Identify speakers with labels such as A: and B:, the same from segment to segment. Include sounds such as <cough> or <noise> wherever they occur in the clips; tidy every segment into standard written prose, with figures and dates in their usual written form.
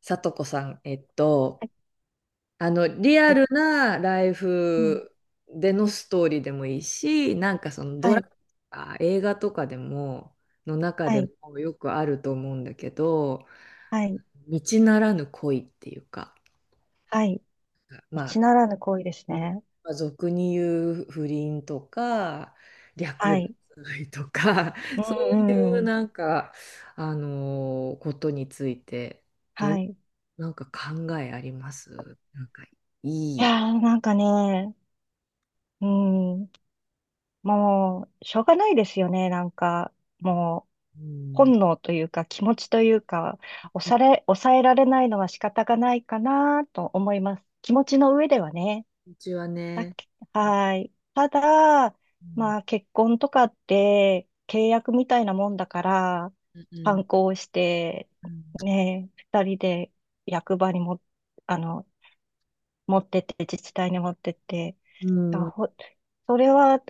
A: さとこさん、
B: はい、
A: リア
B: はい、
A: ルなライ
B: うん、
A: フでのストーリーでもいいし、なんかそのド
B: は
A: ラマ
B: い、
A: とか映画とかでも、の中
B: は
A: で
B: い、
A: もよくあると思うんだけど、
B: はい、
A: 道ならぬ恋っていうか、
B: はい。
A: ま
B: 一
A: あ、
B: ならぬ行為です
A: うん、
B: ね。
A: まあ、俗に言う不倫とか
B: は
A: 略
B: い。
A: 奪愛とか
B: う
A: <laughs> そうい
B: ん、
A: う
B: うん。
A: なんかことについてど
B: は
A: う、
B: い。い
A: なんか考えあります、なんかいい、
B: やー、なんかね、うん、もう、しょうがないですよね。なんか、もう、
A: う
B: 本
A: ん、
B: 能というか、気持ちというか、抑えられないのは仕方がないかなと思います。気持ちの上ではね。
A: うちは
B: だ
A: ね。
B: け、
A: う
B: はい。ただ、まあ
A: ん、
B: 結婚とかって契約みたいなもんだから、
A: うん、
B: 反抗して、
A: うん、
B: ね、二人で役場にも、あの、持ってって、自治体に持ってって、
A: う
B: だ
A: ん、
B: ほ、それは、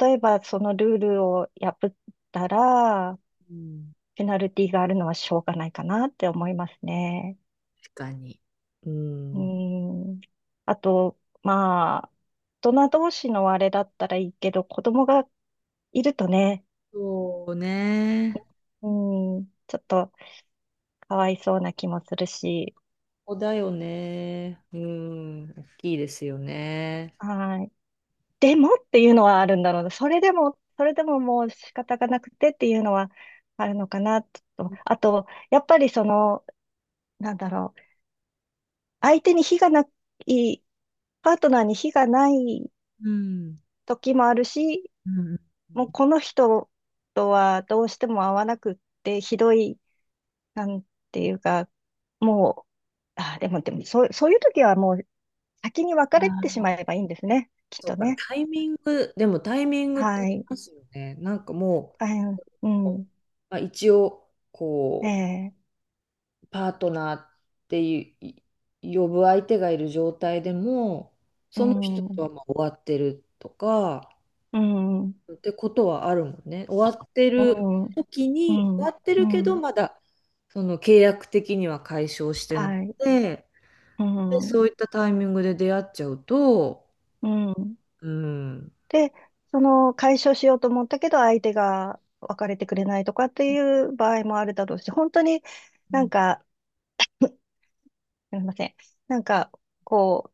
B: 例えばそのルールを破ったら、
A: うん、
B: ペナルティがあるのはしょうがないかなって思いますね。
A: 確かに。う
B: う
A: ん、
B: ん。あと、まあ、大人同士のあれだったらいいけど、子供がいるとね、
A: そうね、
B: うん、ちょっとかわいそうな気もするし、
A: ここだよね。うん、大きいですよね。
B: はい。でもっていうのはあるんだろうな。それでも、それでももう仕方がなくてっていうのはあるのかなと。あと、やっぱりその、なんだろう、相手に非がない、パートナーに非がない
A: うん、
B: 時もあるし、
A: うん、うん、う
B: も
A: ん。
B: うこの人とはどうしても合わなくって、ひどい、なんていうか、もう、あ、でも、そういう時はもう先に別
A: あ
B: れてし
A: ー、
B: まえばいいんですね。きっ
A: そう
B: と
A: か、
B: ね。
A: タイミング、でもタイミングってあ
B: は
A: り
B: い。
A: ますよね。なんかも
B: あ、う
A: う、
B: ん。
A: まあ、一応、
B: え
A: こ
B: え、
A: う、パートナーっていう、呼ぶ相手がいる状態でも、
B: う
A: その人
B: ん。う
A: と
B: ん。
A: はまあ終わってるとか、
B: うん。
A: ってことはあるもんね。終わってる時
B: う
A: に、終わ
B: ん。
A: って
B: う
A: るけど、
B: ん。
A: まだ、その契約的には解消してなく
B: はい。
A: て、
B: う
A: で、
B: ん。
A: そういったタイミングで出会っちゃうと、
B: うん。
A: うん、
B: で、その解消しようと思ったけど、相手が別れてくれないとかっていう場合もあるだろうし、本当になんか、すみません。なんか、こ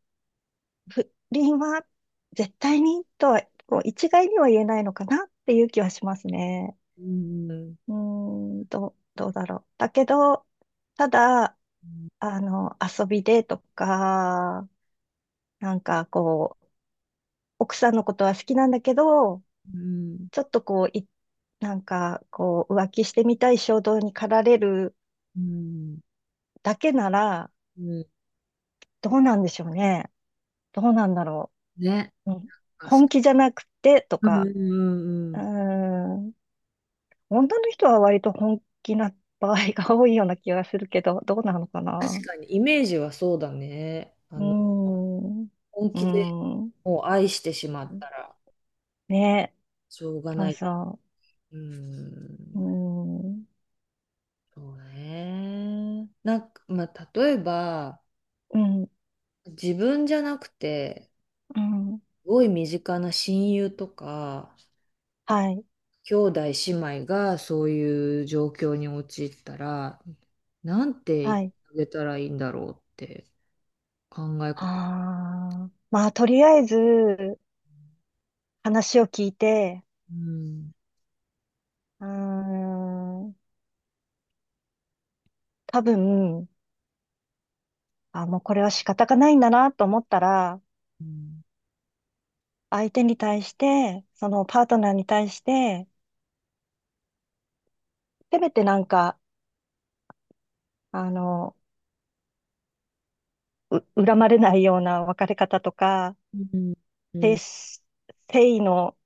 B: う、不倫は絶対にとは、こう一概には言えないのかなっていう気はしますね。
A: うん、
B: うーん、どうだろう。だけど、ただ、
A: うん、
B: 遊びでとか、なんかこう、奥さんのことは好きなんだけど、
A: うん、
B: ちょっとこう、なんかこう、浮気してみたい衝動に駆られる
A: うん、
B: だけなら、
A: うん、
B: どうなんでしょうね。どうなんだろ
A: ね。
B: う。うん、
A: あ、そ
B: 本気じゃなくてと
A: う、う
B: か、
A: ん、うん、う
B: うー
A: ん。
B: ん、女の人は割と本気な場合が多いような気がするけど、どうなのか
A: 確
B: な。
A: かに、イメージはそうだね。あ
B: うー
A: の、
B: ん、う
A: 本
B: ー
A: 気で
B: ん。
A: もう愛してしまったら、
B: ね、
A: しょうが
B: そ
A: な
B: う
A: い。
B: そ
A: う
B: う。う
A: ん、
B: ん、
A: そうね。なんか、まあ、例えば、
B: うん、
A: 自分じゃなくて、
B: うん。
A: すごい身近な親友とか、
B: はい、
A: 兄弟姉妹がそういう状況に陥ったら、なんて言っ
B: は
A: て
B: い。
A: あげたらいいんだろうって。考え
B: あ
A: 方。
B: あ、まあ、とりあえず、話を聞いて、
A: うん、
B: うーん、多分、あ、もうこれは仕方がないんだなと思ったら、
A: うん、
B: 相手に対して、そのパートナーに対して、せめてなんか、あの、恨まれないような別れ方とか、
A: うん、う
B: 誠
A: ん、
B: 誠意の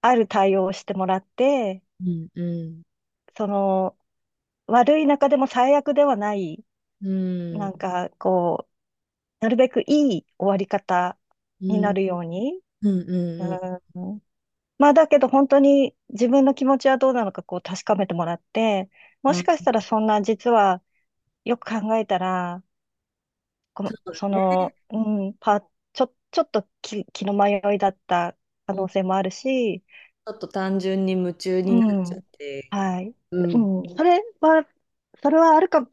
B: ある対応をしてもらって、
A: うん、うん、
B: その、悪い中でも最悪ではない、
A: う
B: な
A: ん、
B: んかこう、なるべくいい終わり方
A: う
B: にな
A: ん、
B: るように。
A: うん、
B: う
A: うん。
B: ん、まあだけど本当に自分の気持ちはどうなのかこう確かめてもらって、も
A: な
B: し
A: んか
B: かしたらそんな実はよく考えたら、この、そ
A: ね、
B: の、うん、ちょっと気の迷いだった可
A: うん、
B: 能
A: ち
B: 性もあるし、
A: ょっと単純に夢中
B: う
A: になっち
B: ん。
A: ゃって、
B: はい。
A: う
B: う
A: ん。
B: ん。それはあるか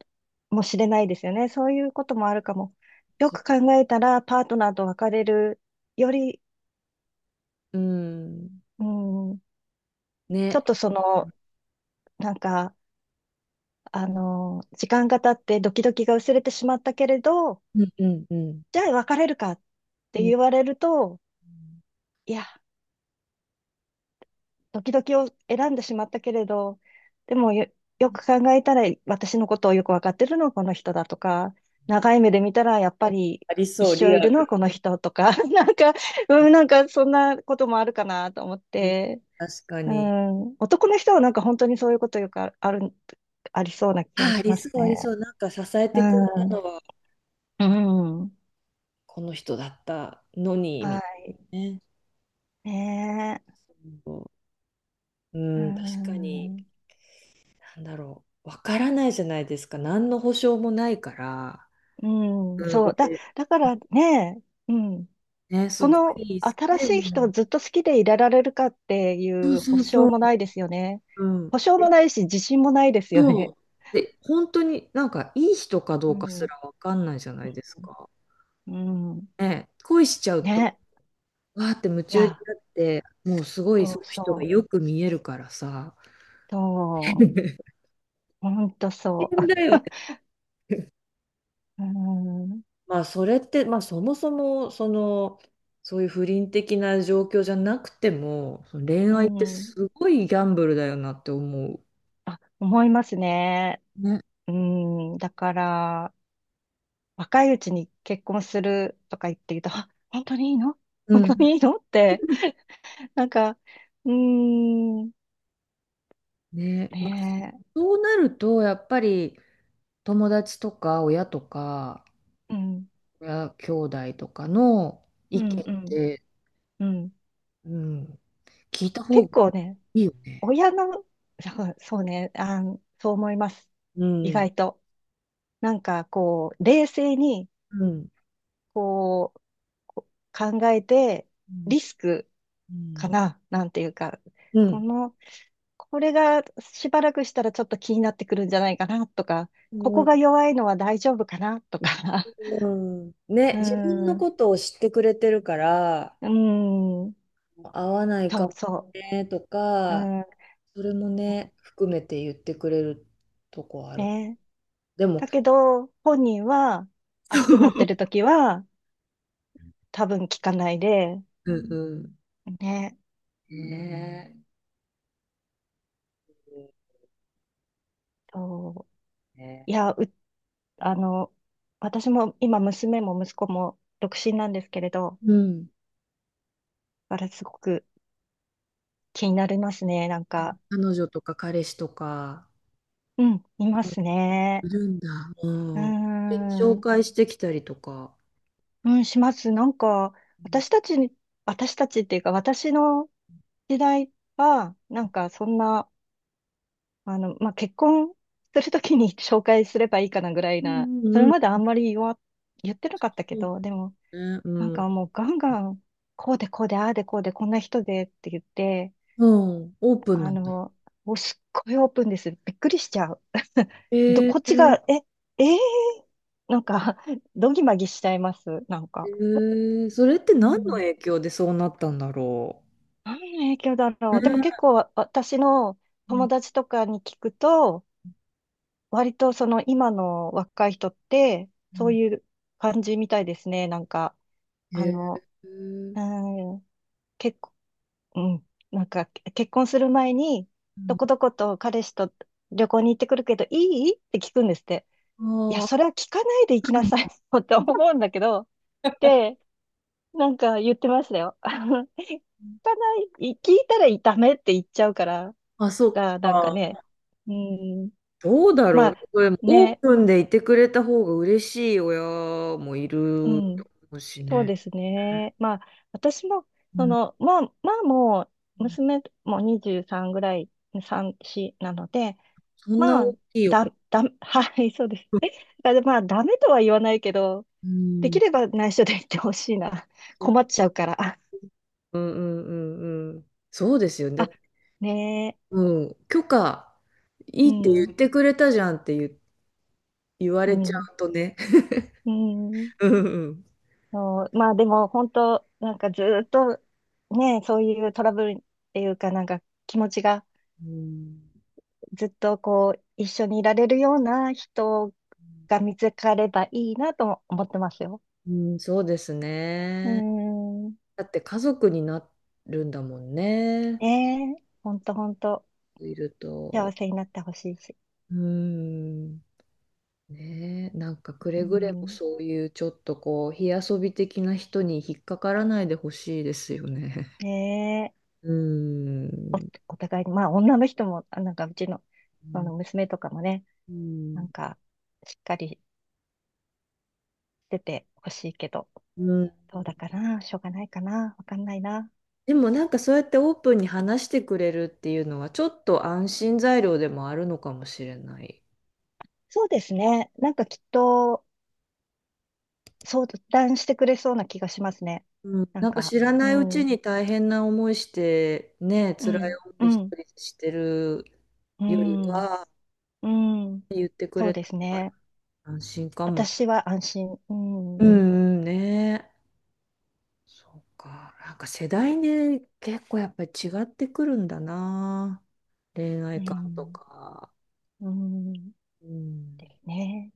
B: もしれないですよね。そういうこともあるかも。よ
A: そ
B: く考えたら、パートナーと別れるより、
A: う、うん、
B: うん、ちょ
A: ね、
B: っとその、なんか、時間が経ってドキドキが薄れてしまったけれど、
A: うん、うん、うん、
B: じゃあ別れるかっ
A: う
B: て
A: ん。
B: 言われると、いや、時々を選んでしまったけれど、でもよ、よく考えたら私のことをよくわかってるのはこの人だとか、長い目で見たらやっぱり
A: ありそ
B: 一
A: う、リ
B: 生い
A: ア
B: るのは
A: ル。
B: この人とか、<laughs> なんか、うん、なんかそんなこともあるかなと思っ
A: うん、
B: て、
A: 確か
B: う
A: に。
B: ん、男の人はなんか本当にそういうことよくあある、ありそうな気が
A: あ、あ
B: し
A: り
B: ま
A: そ
B: す
A: う、あり
B: ね。
A: そう。なんか支え
B: う
A: てくれた
B: ん、
A: のは、
B: う
A: あ、
B: ん、
A: この人だったのに、
B: は
A: みたい
B: い。
A: なね。
B: ね
A: そう、
B: え、
A: う
B: う
A: ん、確かに。
B: ん、
A: なんだろう、わからないじゃないですか。何の保証もないから。
B: うん、
A: うん、
B: そう、だ、
A: で、
B: だからね、うん。
A: ね、す
B: こ
A: ご
B: の
A: い。
B: 新
A: で
B: しい人を
A: も、
B: ずっと好きでいられるかってい
A: そう、
B: う保
A: そう、
B: 証
A: そう、
B: もないですよね。
A: うん。
B: 保証もないし、自信もないですよ
A: そ
B: ね。
A: う、で、本当になんかいい人かど
B: う
A: うかす
B: ん。
A: らわかんないじゃないですか。
B: うん。うん
A: ね、恋しちゃうと、
B: ね。
A: わーって夢
B: い
A: 中に
B: や、
A: なって、もうすごい
B: そう
A: その人が
B: そう。
A: よく見えるからさ。
B: そう。
A: <laughs>
B: ほんとそう。
A: 変だよね。
B: <laughs> うん。
A: まあそれって、まあそもそも、その、そういう不倫的な状況じゃなくても、その恋
B: う
A: 愛って
B: ん。
A: すごいギャンブルだよなって思う。
B: あ、思いますね。
A: ね。
B: うん。だから、若いうちに結婚するとか言って言うと、あ、本当にいいの
A: う
B: 本当
A: ん。
B: にいいのって、なんか、うーん。
A: ね。まあ、
B: ね
A: そうなると、やっぱり友達とか親とか、
B: え。うん。
A: 親兄弟とかの意
B: うん
A: 見っ
B: うん。
A: て、
B: うん。
A: うん、聞いた方
B: 結
A: が
B: 構ね、
A: いいよね。
B: 親の、そうそうね、そう思います。
A: う
B: 意
A: ん、
B: 外と。なんかこう、冷静に、
A: うん、
B: こう、こ考えて、
A: うん、
B: リスク
A: う
B: か
A: ん、
B: な、なんていうか、この、これがしばらくしたらちょっと気になってくるんじゃないかなとか、
A: う
B: ここ
A: ん。
B: が弱いのは大丈夫かなとか、
A: うん。
B: <laughs>
A: ね、
B: うー
A: 自分の
B: ん、う
A: ことを知ってくれてるから、
B: ーん、
A: 合わないか
B: そう
A: も
B: そ
A: ねと
B: う、う
A: か、
B: ん、
A: それもね、含めて言ってくれるとこある。
B: ね。
A: でも、
B: だけど、本人は熱くなって
A: <laughs>
B: る時は多分聞かないで、
A: うん、うん。
B: ね、
A: ね
B: そう
A: え、
B: い
A: ね、
B: や、あの、私も今娘も息子も独身なんですけれど、
A: うん。
B: だからすごく気になりますね、なんか。
A: 彼女とか彼氏とか、
B: うん、います
A: い
B: ね。
A: るんだ。う
B: うー
A: ん。で紹
B: ん、
A: 介してきたりとか。
B: うん、します。なんか、私たちに、私たちっていうか私の時代は、なんかそんな、まあ、結婚するときに <laughs> 紹介すればいいかなぐらい
A: う
B: な、
A: ん、う
B: それ
A: ん、うん。
B: まであんまり言ってなかったけ
A: そう
B: ど、でも、
A: だね。
B: なん
A: うん、
B: かもうガンガン、こうでこうで、ああでこうで、こんな人でって言って、
A: うん。オープンな
B: あ
A: んだ。
B: の、もうすっごいオープンです。びっくりしちゃう。<laughs>
A: え、え
B: こっ
A: え
B: ちが、
A: ー。
B: え、えー、なんか、どぎまぎしちゃいます。なんか。
A: それって
B: う
A: 何の
B: ん。
A: 影響でそうなったんだろ
B: 何の影響だ
A: う。
B: ろう。でも
A: ん、
B: 結構、私の
A: うん。
B: 友達とかに聞くと、割とその今の若い人って、
A: う
B: そう
A: ん。
B: いう感じみたいですね。なんか、
A: へ
B: あの、
A: えー。
B: うーん、結構、うん、なんか結婚する前に、
A: う
B: ど
A: ん。
B: こどこと彼氏と旅行に行ってくるけど、いいって聞くんですって。いや、そ
A: あ
B: れは聞かないで行きなさい <laughs> って思うんだけど、で、なんか言ってましたよ。<laughs> 聞かない、聞いたらダメって言っちゃうから、
A: あ、あ、
B: と
A: そっ
B: か、なんかね、
A: か。
B: うん、
A: どうだろ
B: ま
A: うね。
B: あ、
A: これオー
B: ね、
A: プンでいてくれた方が嬉しい親もい
B: う
A: ると
B: ん。
A: 思うし
B: そう
A: ね。
B: ですね。まあ、私も、
A: う
B: そ
A: ん。
B: の、まあ、もう、娘も23ぐらい、3、4なので、
A: そんな
B: まあ、
A: 大きいお子。
B: <laughs> はい、そうです。まあ、ダメとは言わないけど、
A: う
B: でき
A: ん。
B: れば内緒で言ってほしいな。<laughs>
A: そ
B: 困っちゃうから。
A: うん、うん、うん、うん。そうですよね。だっ
B: あ、
A: て、
B: ねえ、
A: うん、許可、い
B: う
A: いって言
B: ん、
A: ってくれたじゃんって言わ
B: う
A: れちゃ
B: ん、
A: うとね。
B: うん。
A: <laughs> うん、うん。
B: そうまあ、でも、本当なんかずっと、ね、そういうトラブルっていうか、なんか気持ちが、
A: う
B: ずっとこう、一緒にいられるような人が見つかればいいなとも思ってますよ。
A: ん、うん、そうです
B: う
A: ね。
B: ーん。
A: だって家族になるんだもんね。
B: ねえ、ほんとほんと、
A: いる
B: 幸
A: と。
B: せになってほしいし。
A: うーん。ねえ、なんかくれ
B: う
A: ぐれも
B: ん。
A: そういうちょっとこう、火遊び的な人に引っかからないでほしいですよね。
B: ねえ、
A: <laughs> うー
B: お、
A: ん。
B: お互いに、まあ女の人も、なんかうちの、その娘とかもね、
A: う
B: なん
A: ん、
B: か、しっかりしててほしいけど、
A: うん。
B: どうだかな、しょうがないかな、わかんないな。
A: でもなんかそうやってオープンに話してくれるっていうのはちょっと安心材料でもあるのかもしれない。
B: そうですね。なんかきっと相談してくれそうな気がしますね。
A: うん。
B: なん
A: なんか
B: か、
A: 知ら
B: う
A: ないうち
B: ん。
A: に大変な思いして、ね、
B: う
A: 辛い
B: ん、
A: 思い
B: う
A: 一
B: ん、
A: 人してる
B: う
A: より
B: ん、
A: は、
B: うん。
A: 言ってく
B: そう
A: れ
B: です
A: たら
B: ね。
A: 安心かも。
B: 私は安心。うん、
A: う
B: う
A: ん、うん、ねえ。そうか。なんか世代で結構やっぱり違ってくるんだな。恋愛観と
B: ん、
A: か。
B: うん。
A: うん。
B: ですね。